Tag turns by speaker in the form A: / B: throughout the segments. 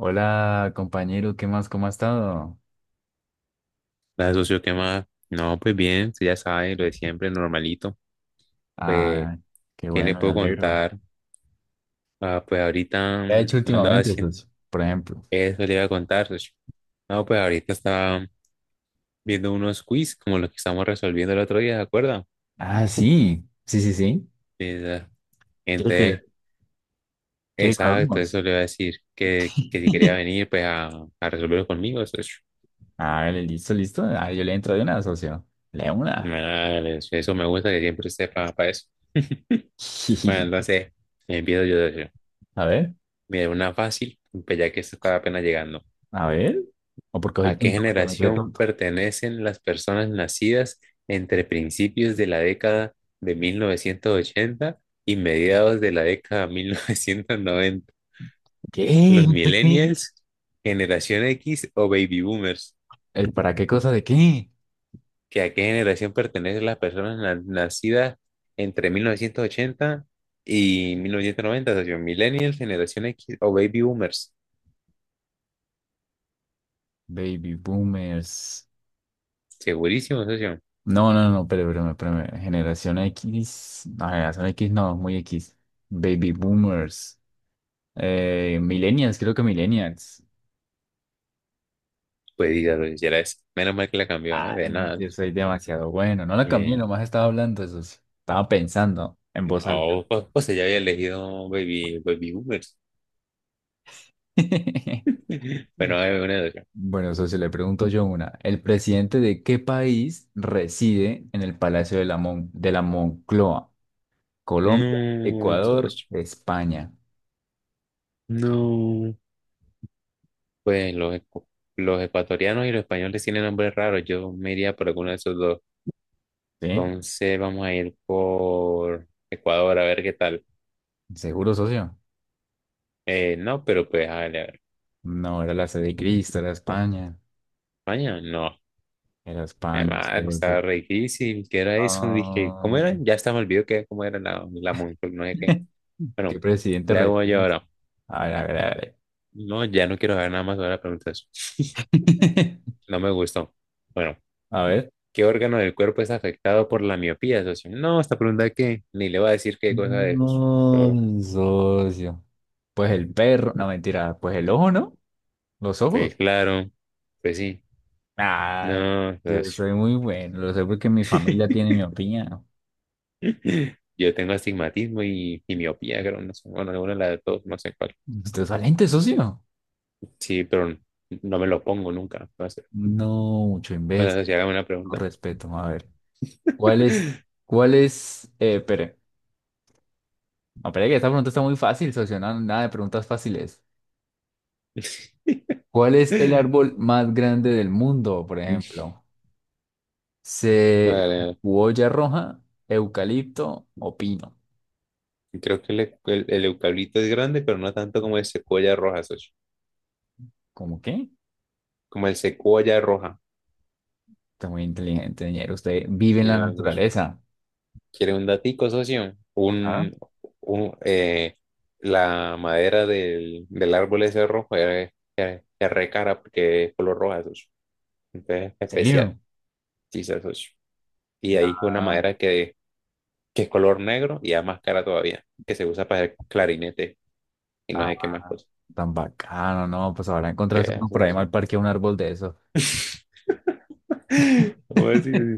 A: Hola, compañero, ¿qué más? ¿Cómo ha estado?
B: La socio, ¿qué más? No, pues bien, usted ya sabe, lo de siempre, normalito. Pues,
A: Ah, qué
B: ¿qué le
A: bueno, me
B: puedo
A: alegro.
B: contar? Ah, pues ahorita
A: ¿Qué ha hecho
B: no andaba
A: últimamente,
B: haciendo
A: Jesús? Por ejemplo.
B: eso, le iba a contar, socio. No, pues ahorita estaba viendo unos quiz como los que estamos resolviendo el otro día, ¿de acuerdo?
A: Ah, sí, sí, sí, sí.
B: Esa-
A: Quiero
B: Entonces,
A: que, Quiero que
B: exacto,
A: hablemos.
B: eso le iba a decir, que si quería venir, pues a resolverlo conmigo, socio.
A: Ah, listo, listo. Ah, yo le entro de una, socio. Le una.
B: Vale, socio, eso me gusta que siempre esté para eso. Bueno, entonces, empiezo yo, socio.
A: A ver,
B: Mira, una fácil, pues ya que esta está apenas llegando.
A: a ver. ¿O porque soy
B: ¿A qué
A: tonto? Porque me cree
B: generación
A: tonto.
B: pertenecen las personas nacidas entre principios de la década de 1980 y mediados de la década de 1990?
A: ¿Qué?
B: ¿Los
A: ¿Usted qué?
B: millennials, generación X o baby boomers?
A: ¿El para qué cosa de qué?
B: ¿Que a qué generación pertenecen las personas nacidas entre 1980 y 1990, socio? ¿Millennials, generación X o baby boomers?
A: Baby boomers.
B: Segurísimo, socio.
A: No, no, no, pero, generación X no, muy X, baby boomers, millennials, creo que millennials.
B: Pues diga, socio, si era eso. Menos mal que la cambió, ¿ah?
A: Ay,
B: De nada.
A: yo soy demasiado bueno, no la cambié,
B: Eh,
A: nomás estaba hablando eso, sí, estaba pensando en voz alta.
B: No, pues ella había elegido Baby boomers. Bueno, hay una de acá.
A: Bueno, socio, le pregunto yo una. ¿El presidente de qué país reside en el Palacio de la Moncloa? Colombia,
B: No,
A: Ecuador,
B: socio,
A: España,
B: no. Pues los ecuatorianos y los españoles tienen nombres raros. Yo me iría por alguno de esos dos.
A: ¿sí?
B: Entonces vamos a ir por Ecuador a ver qué tal.
A: ¿Seguro, socio?
B: No, pero pues a ver, a ver.
A: No, era la sede de Cristo, era España.
B: España, no.
A: Era
B: Mi
A: España,
B: madre,
A: entonces,
B: estaba re difícil. ¿Qué era eso? Dije, ¿cómo
A: ah.
B: era? Ya hasta me olvidó que cómo era la Moncloa, no sé qué.
A: ¿Qué
B: Bueno,
A: presidente
B: le hago yo
A: refieres?
B: ahora.
A: A ver, a ver, a ver.
B: No, ya no quiero saber nada más sobre la pregunta. No me gustó. Bueno,
A: A ver.
B: ¿qué órgano del cuerpo es afectado por la miopía, socio? No, esta pregunta que ni le va a decir qué cosa de esos. Pero,
A: No, socio. Pues el perro, no mentira, pues el ojo, ¿no? Los
B: pues
A: ojos.
B: claro, pues sí.
A: Ah,
B: No,
A: yo
B: socio.
A: soy muy bueno, lo sé porque mi familia tiene mi opinión.
B: Yo tengo astigmatismo y miopía, creo, no sé. Bueno, alguna de las dos, no sé cuál.
A: Usted es valiente, socio.
B: Sí, pero no me lo pongo nunca. No sé.
A: No, mucho
B: Bueno,
A: imbécil,
B: socio, hágame una
A: no
B: pregunta.
A: respeto. A ver, ¿cuál es, ¿cuál es, espere? No, pero es que esta pregunta está muy fácil, socio. Nada de preguntas fáciles. ¿Cuál es el árbol más grande del mundo, por ejemplo? ¿Se
B: Vale,
A: cebolla roja, eucalipto o pino?
B: creo que el eucalipto es grande, pero no tanto como el secuoya roja, socio.
A: ¿Cómo qué?
B: Como el secuoya roja.
A: Está muy inteligente, señor. Usted vive en la
B: Dios.
A: naturaleza.
B: ¿Quiere un datico, socio?
A: ¿Ah? ¿En
B: Un, eh, la madera del árbol ese rojo es recara porque es color roja, socio. Entonces, especial,
A: serio?
B: sí, socio. Y ahí una
A: Ah,
B: madera que es color negro y es más cara todavía, que se usa para el clarinete y no sé qué más
A: ah,
B: cosas.
A: tan bacano, ¿no? Pues ahora
B: ¿Qué
A: encontrarse uno
B: es
A: por ahí
B: eso?
A: mal parque un árbol de eso.
B: ¿Cómo así?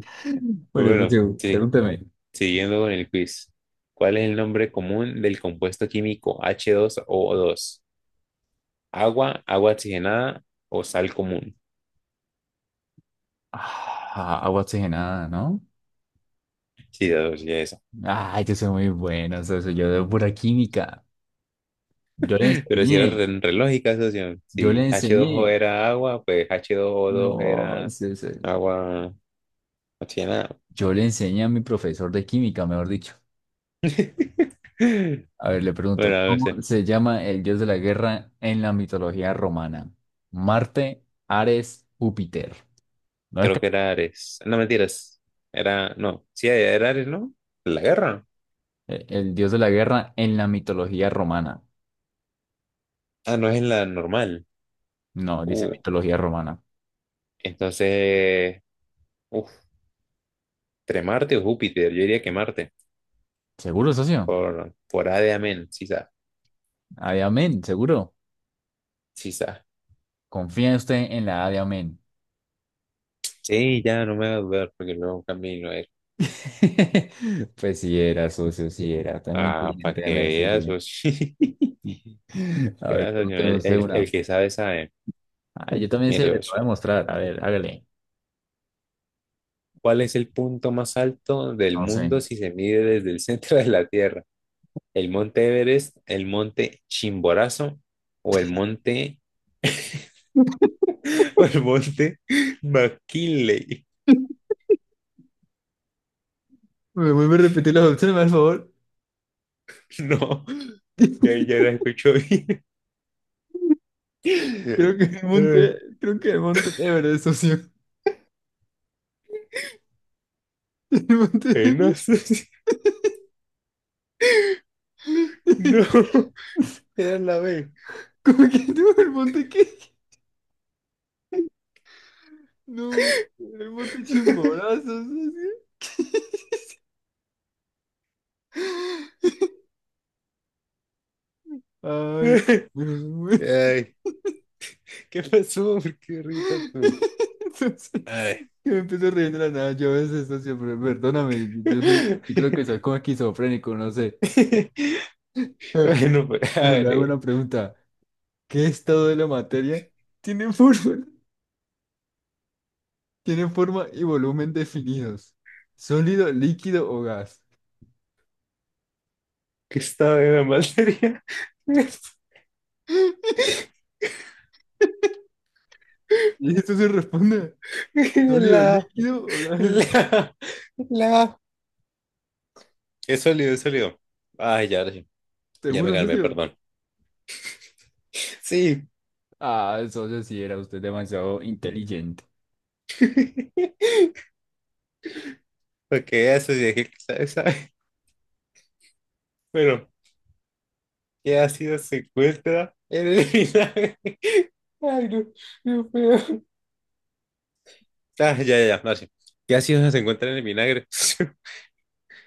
A: Bueno,
B: Bueno,
A: socio,
B: sí,
A: pregúnteme.
B: siguiendo con el quiz, ¿cuál es el nombre común del compuesto químico H2O2? ¿Agua, agua oxigenada o sal común?
A: Ah, agua oxigenada, ¿no?
B: Sí, ya ya esa.
A: Ay, yo soy muy bueno, socio. Yo de pura química. Yo le
B: Pero si era
A: enseñé,
B: re, re lógica, socio.
A: yo le
B: Si H2O
A: enseñé.
B: era agua, pues H2O2
A: No,
B: era
A: socio,
B: agua oxigenada.
A: yo le enseñé a mi profesor de química, mejor dicho. A ver, le
B: Bueno,
A: pregunto,
B: a
A: ¿cómo
B: veces,
A: se llama el dios de la guerra en la mitología romana? Marte, Ares, Júpiter. ¿No es
B: creo
A: que
B: que era Ares. No, mentiras. Era, no, sí, era Ares, ¿no? La guerra.
A: el dios de la guerra en la mitología romana?
B: Ah, no es en la normal.
A: No, dice
B: Uh,
A: mitología romana.
B: entonces, uff, entre Marte o Júpiter, yo diría que Marte,
A: ¿Seguro, socio?
B: por A de amén, sí, sa-
A: Adiamén, seguro.
B: sí, sa.
A: ¿Confía usted en la Adiamén?
B: Sí, ya no me va a dudar, porque luego camino él.
A: Pues sí era, socio, sí era. Está muy
B: Ah, para
A: inteligente,
B: que
A: déjeme
B: veas,
A: decirle.
B: socio.
A: A
B: Que
A: ver,
B: veas, socio,
A: pregúnteme
B: el,
A: usted
B: el-
A: una.
B: el que sabe, sabe.
A: Ah, yo también se
B: Mira,
A: le voy
B: socio,
A: a demostrar. A ver, hágale.
B: ¿cuál es el punto más alto del
A: No sé.
B: mundo si se mide desde el centro de la Tierra? ¿El monte Everest, el monte Chimborazo o el monte, o el monte McKinley?
A: ¿Me vuelve a repetir las opciones, por favor?
B: No, ya, ya la escucho bien.
A: Creo que me monté Everest, socio. El monte
B: No,
A: Everest.
B: no, era la B.
A: ¿Cómo que no? ¿El monte qué? No, el monte Chimborazo, socio. Ay, bueno, bueno.
B: Ay, ¿qué pasó? ¿Por qué ríes tú?
A: Entonces,
B: Ay.
A: yo me empiezo riendo de la nada. Yo a veces esto siempre, perdóname, yo, yo creo que soy como esquizofrénico, no sé. Eh,
B: Bueno, pues, a
A: pero le
B: ver,
A: hago una pregunta. ¿Qué estado de la materia tiene forma, tiene forma y volumen definidos? ¿Sólido, líquido o gas?
B: que estaba en la materia.
A: Y esto se responde, ¿sólido,
B: La,
A: líquido o gas?
B: la, la. Es sólido, es sólido. Ay, ya, ahora sí. Ya me
A: ¿Seguro,
B: calmé,
A: socio?
B: perdón. Sí,
A: Ah, socio, sí era usted demasiado inteligente.
B: porque eso sí, es que sabes sabe. Bueno, que ha sido secuestra en el vinagre. Ay, no, no puedo. Ah, ya, ya, ya, ahora sí. ¿Qué ácidos se encuentran en el vinagre?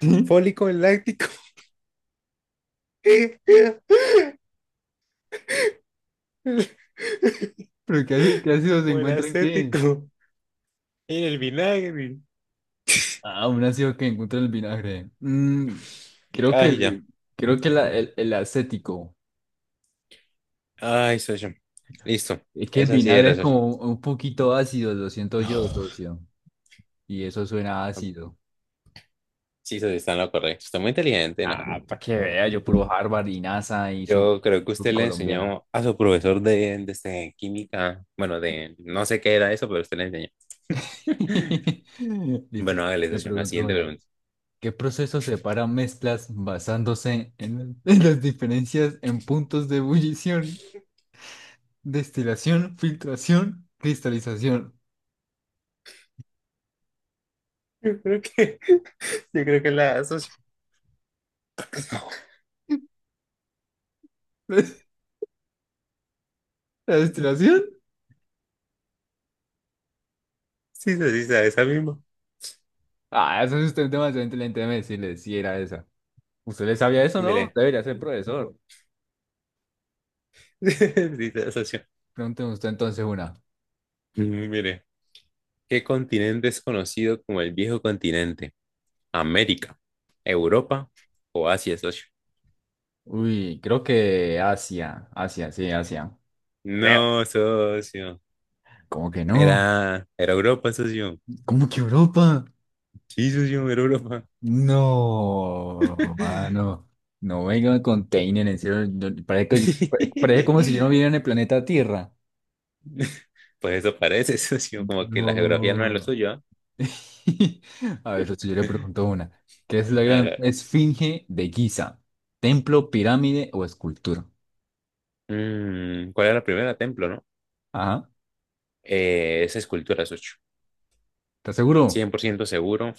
A: ¿Sí?
B: Fólico, el láctico,
A: ¿Pero qué hace si se
B: o el
A: encuentran qué?
B: acético, en el vinagre.
A: Ah, un ácido que encuentra el vinagre. Mm, creo que,
B: Ay, ya.
A: el, creo que el acético.
B: Ay, soy yo. Listo.
A: Es que el
B: Esa sí
A: vinagre
B: era,
A: es
B: socio.
A: como un poquito ácido, lo siento yo,
B: Oh,
A: socio. Y eso suena ácido.
B: sí, socio, está en lo correcto. Está muy inteligente, nada.
A: Ah, para que vea, yo puro Harvard y NASA y sur,
B: Yo creo
A: y
B: que usted le
A: surcolombiana.
B: enseñó a su profesor de química, bueno, de no sé qué era eso, pero usted le enseñó.
A: Listo,
B: Bueno, hágale,
A: le
B: socio. La
A: pregunto
B: siguiente
A: una.
B: pregunta.
A: ¿Qué proceso separa mezclas basándose en, en las diferencias en puntos de ebullición, destilación, filtración, cristalización?
B: Yo creo que, yo creo que la socio. No.
A: ¿La destilación?
B: Sí, socio, sí, sabe esa misma.
A: Ah, eso es usted demasiado inteligente, déjeme decirle si era esa. ¿Usted le sabía eso, no?
B: Mire.
A: Usted debería ser profesor.
B: Sí, sabe, socio.
A: Pregúnteme usted entonces una.
B: Mire. ¿Qué continente es conocido como el viejo continente? ¿América, Europa o Asia, socio?
A: Uy, creo que Asia. Asia, sí, Asia. Creo.
B: No, socio.
A: ¿Cómo que no?
B: Era Europa, socio.
A: ¿Cómo que Europa?
B: Sí, socio, era Europa.
A: No, mano. No venga con Teinen, en serio. Parece, parece como si yo no viviera en el planeta Tierra.
B: Pues eso parece, socio. Como que la geografía no es lo
A: No.
B: suyo, ¿ah?
A: A ver, si yo le pregunto una. ¿Qué es la
B: A ver, a
A: gran
B: ver.
A: esfinge de Giza? ¿Templo, pirámide o escultura?
B: ¿Cuál era la primera? Templo, ¿no?
A: Ajá.
B: Es escultura, socio.
A: ¿Estás seguro?
B: 100% seguro.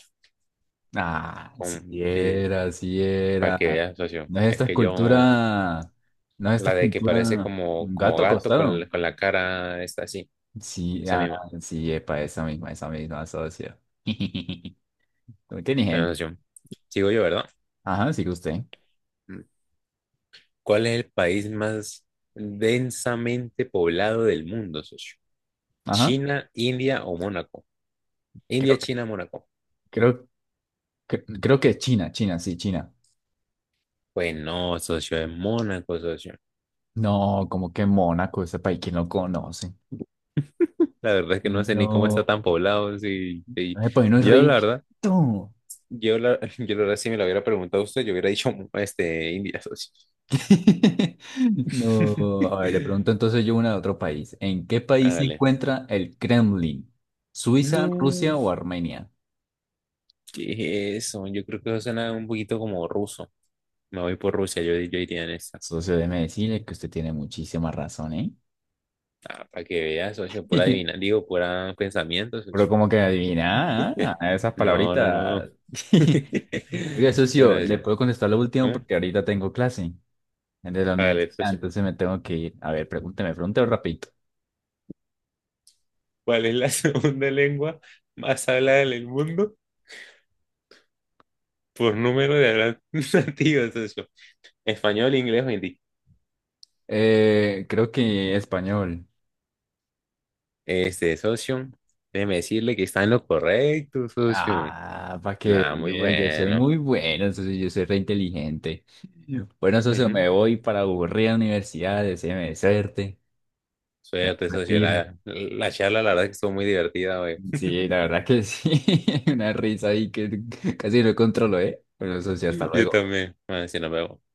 A: Ah, si
B: Sí,
A: era, si
B: para que
A: era.
B: veas, socio.
A: No es esta
B: Es que yo,
A: escultura. No es esta
B: la de que
A: escultura.
B: parece como,
A: Un
B: como
A: gato
B: gato con,
A: acostado.
B: con la cara, está así,
A: Sí,
B: esa
A: ah,
B: misma.
A: sí, epa, esa misma, socio. Muy
B: Bueno,
A: inteligente.
B: socio. Sigo yo, ¿verdad?
A: Ajá, sigue usted.
B: Mm. ¿Cuál es el país más densamente poblado del mundo, socio?
A: Ajá.
B: ¿China, India o Mónaco?
A: Creo,
B: India, China, Mónaco.
A: creo, creo que China, China, sí, China.
B: Pues no, socio, es Mónaco, socio.
A: No, como que Mónaco, ese país, ¿quién lo conoce?
B: La verdad es que no sé ni cómo está
A: No,
B: tan poblado. Sí, sí.
A: ese país no es
B: Yo, la verdad,
A: riquito.
B: Yo la verdad, si me lo hubiera preguntado usted, yo hubiera dicho India, socio.
A: No, a ver, le pregunto entonces yo una de otro país. ¿En qué país se
B: Hágale.
A: encuentra el Kremlin? ¿Suiza,
B: No,
A: Rusia o Armenia?
B: ¿qué es eso? Yo creo que eso suena un poquito como ruso. Me voy por Rusia, yo, iría en esta.
A: Socio, déjeme decirle que usted tiene muchísima razón, ¿eh?
B: Ah, para que veas, socio, por adivinar, digo, por pensamientos,
A: Pero
B: socio.
A: como que adivina, ah, ah, esas
B: No, no, no.
A: palabritas. Oiga, socio,
B: Bueno,
A: ¿le
B: socio.
A: puedo contestar lo último
B: ¿Eh?
A: porque ahorita tengo clase de la
B: Hágale,
A: universidad?
B: socio.
A: Entonces me tengo que ir. A ver, pregúnteme rapidito.
B: ¿Cuál es la segunda lengua más hablada en el mundo por número de hablantes nativos, socio? ¿Español, inglés o hindi?
A: Creo que español.
B: Este, socio, déjeme decirle que está en lo correcto, socio.
A: Ah, para que
B: Nada, muy
A: vea, yo soy
B: bueno.
A: muy bueno, entonces yo soy re inteligente. Bueno, entonces
B: Ujú.
A: me voy para aburrir a la universidad, deséame suerte. Ya
B: Suerte,
A: me
B: socio.
A: retiro.
B: La charla, la verdad, que estuvo muy divertida hoy.
A: Sí, la verdad que sí, una risa ahí que casi no controlo, ¿eh? Bueno, eso sí, hasta
B: Yo
A: luego.
B: también. Bueno, si nos vemos.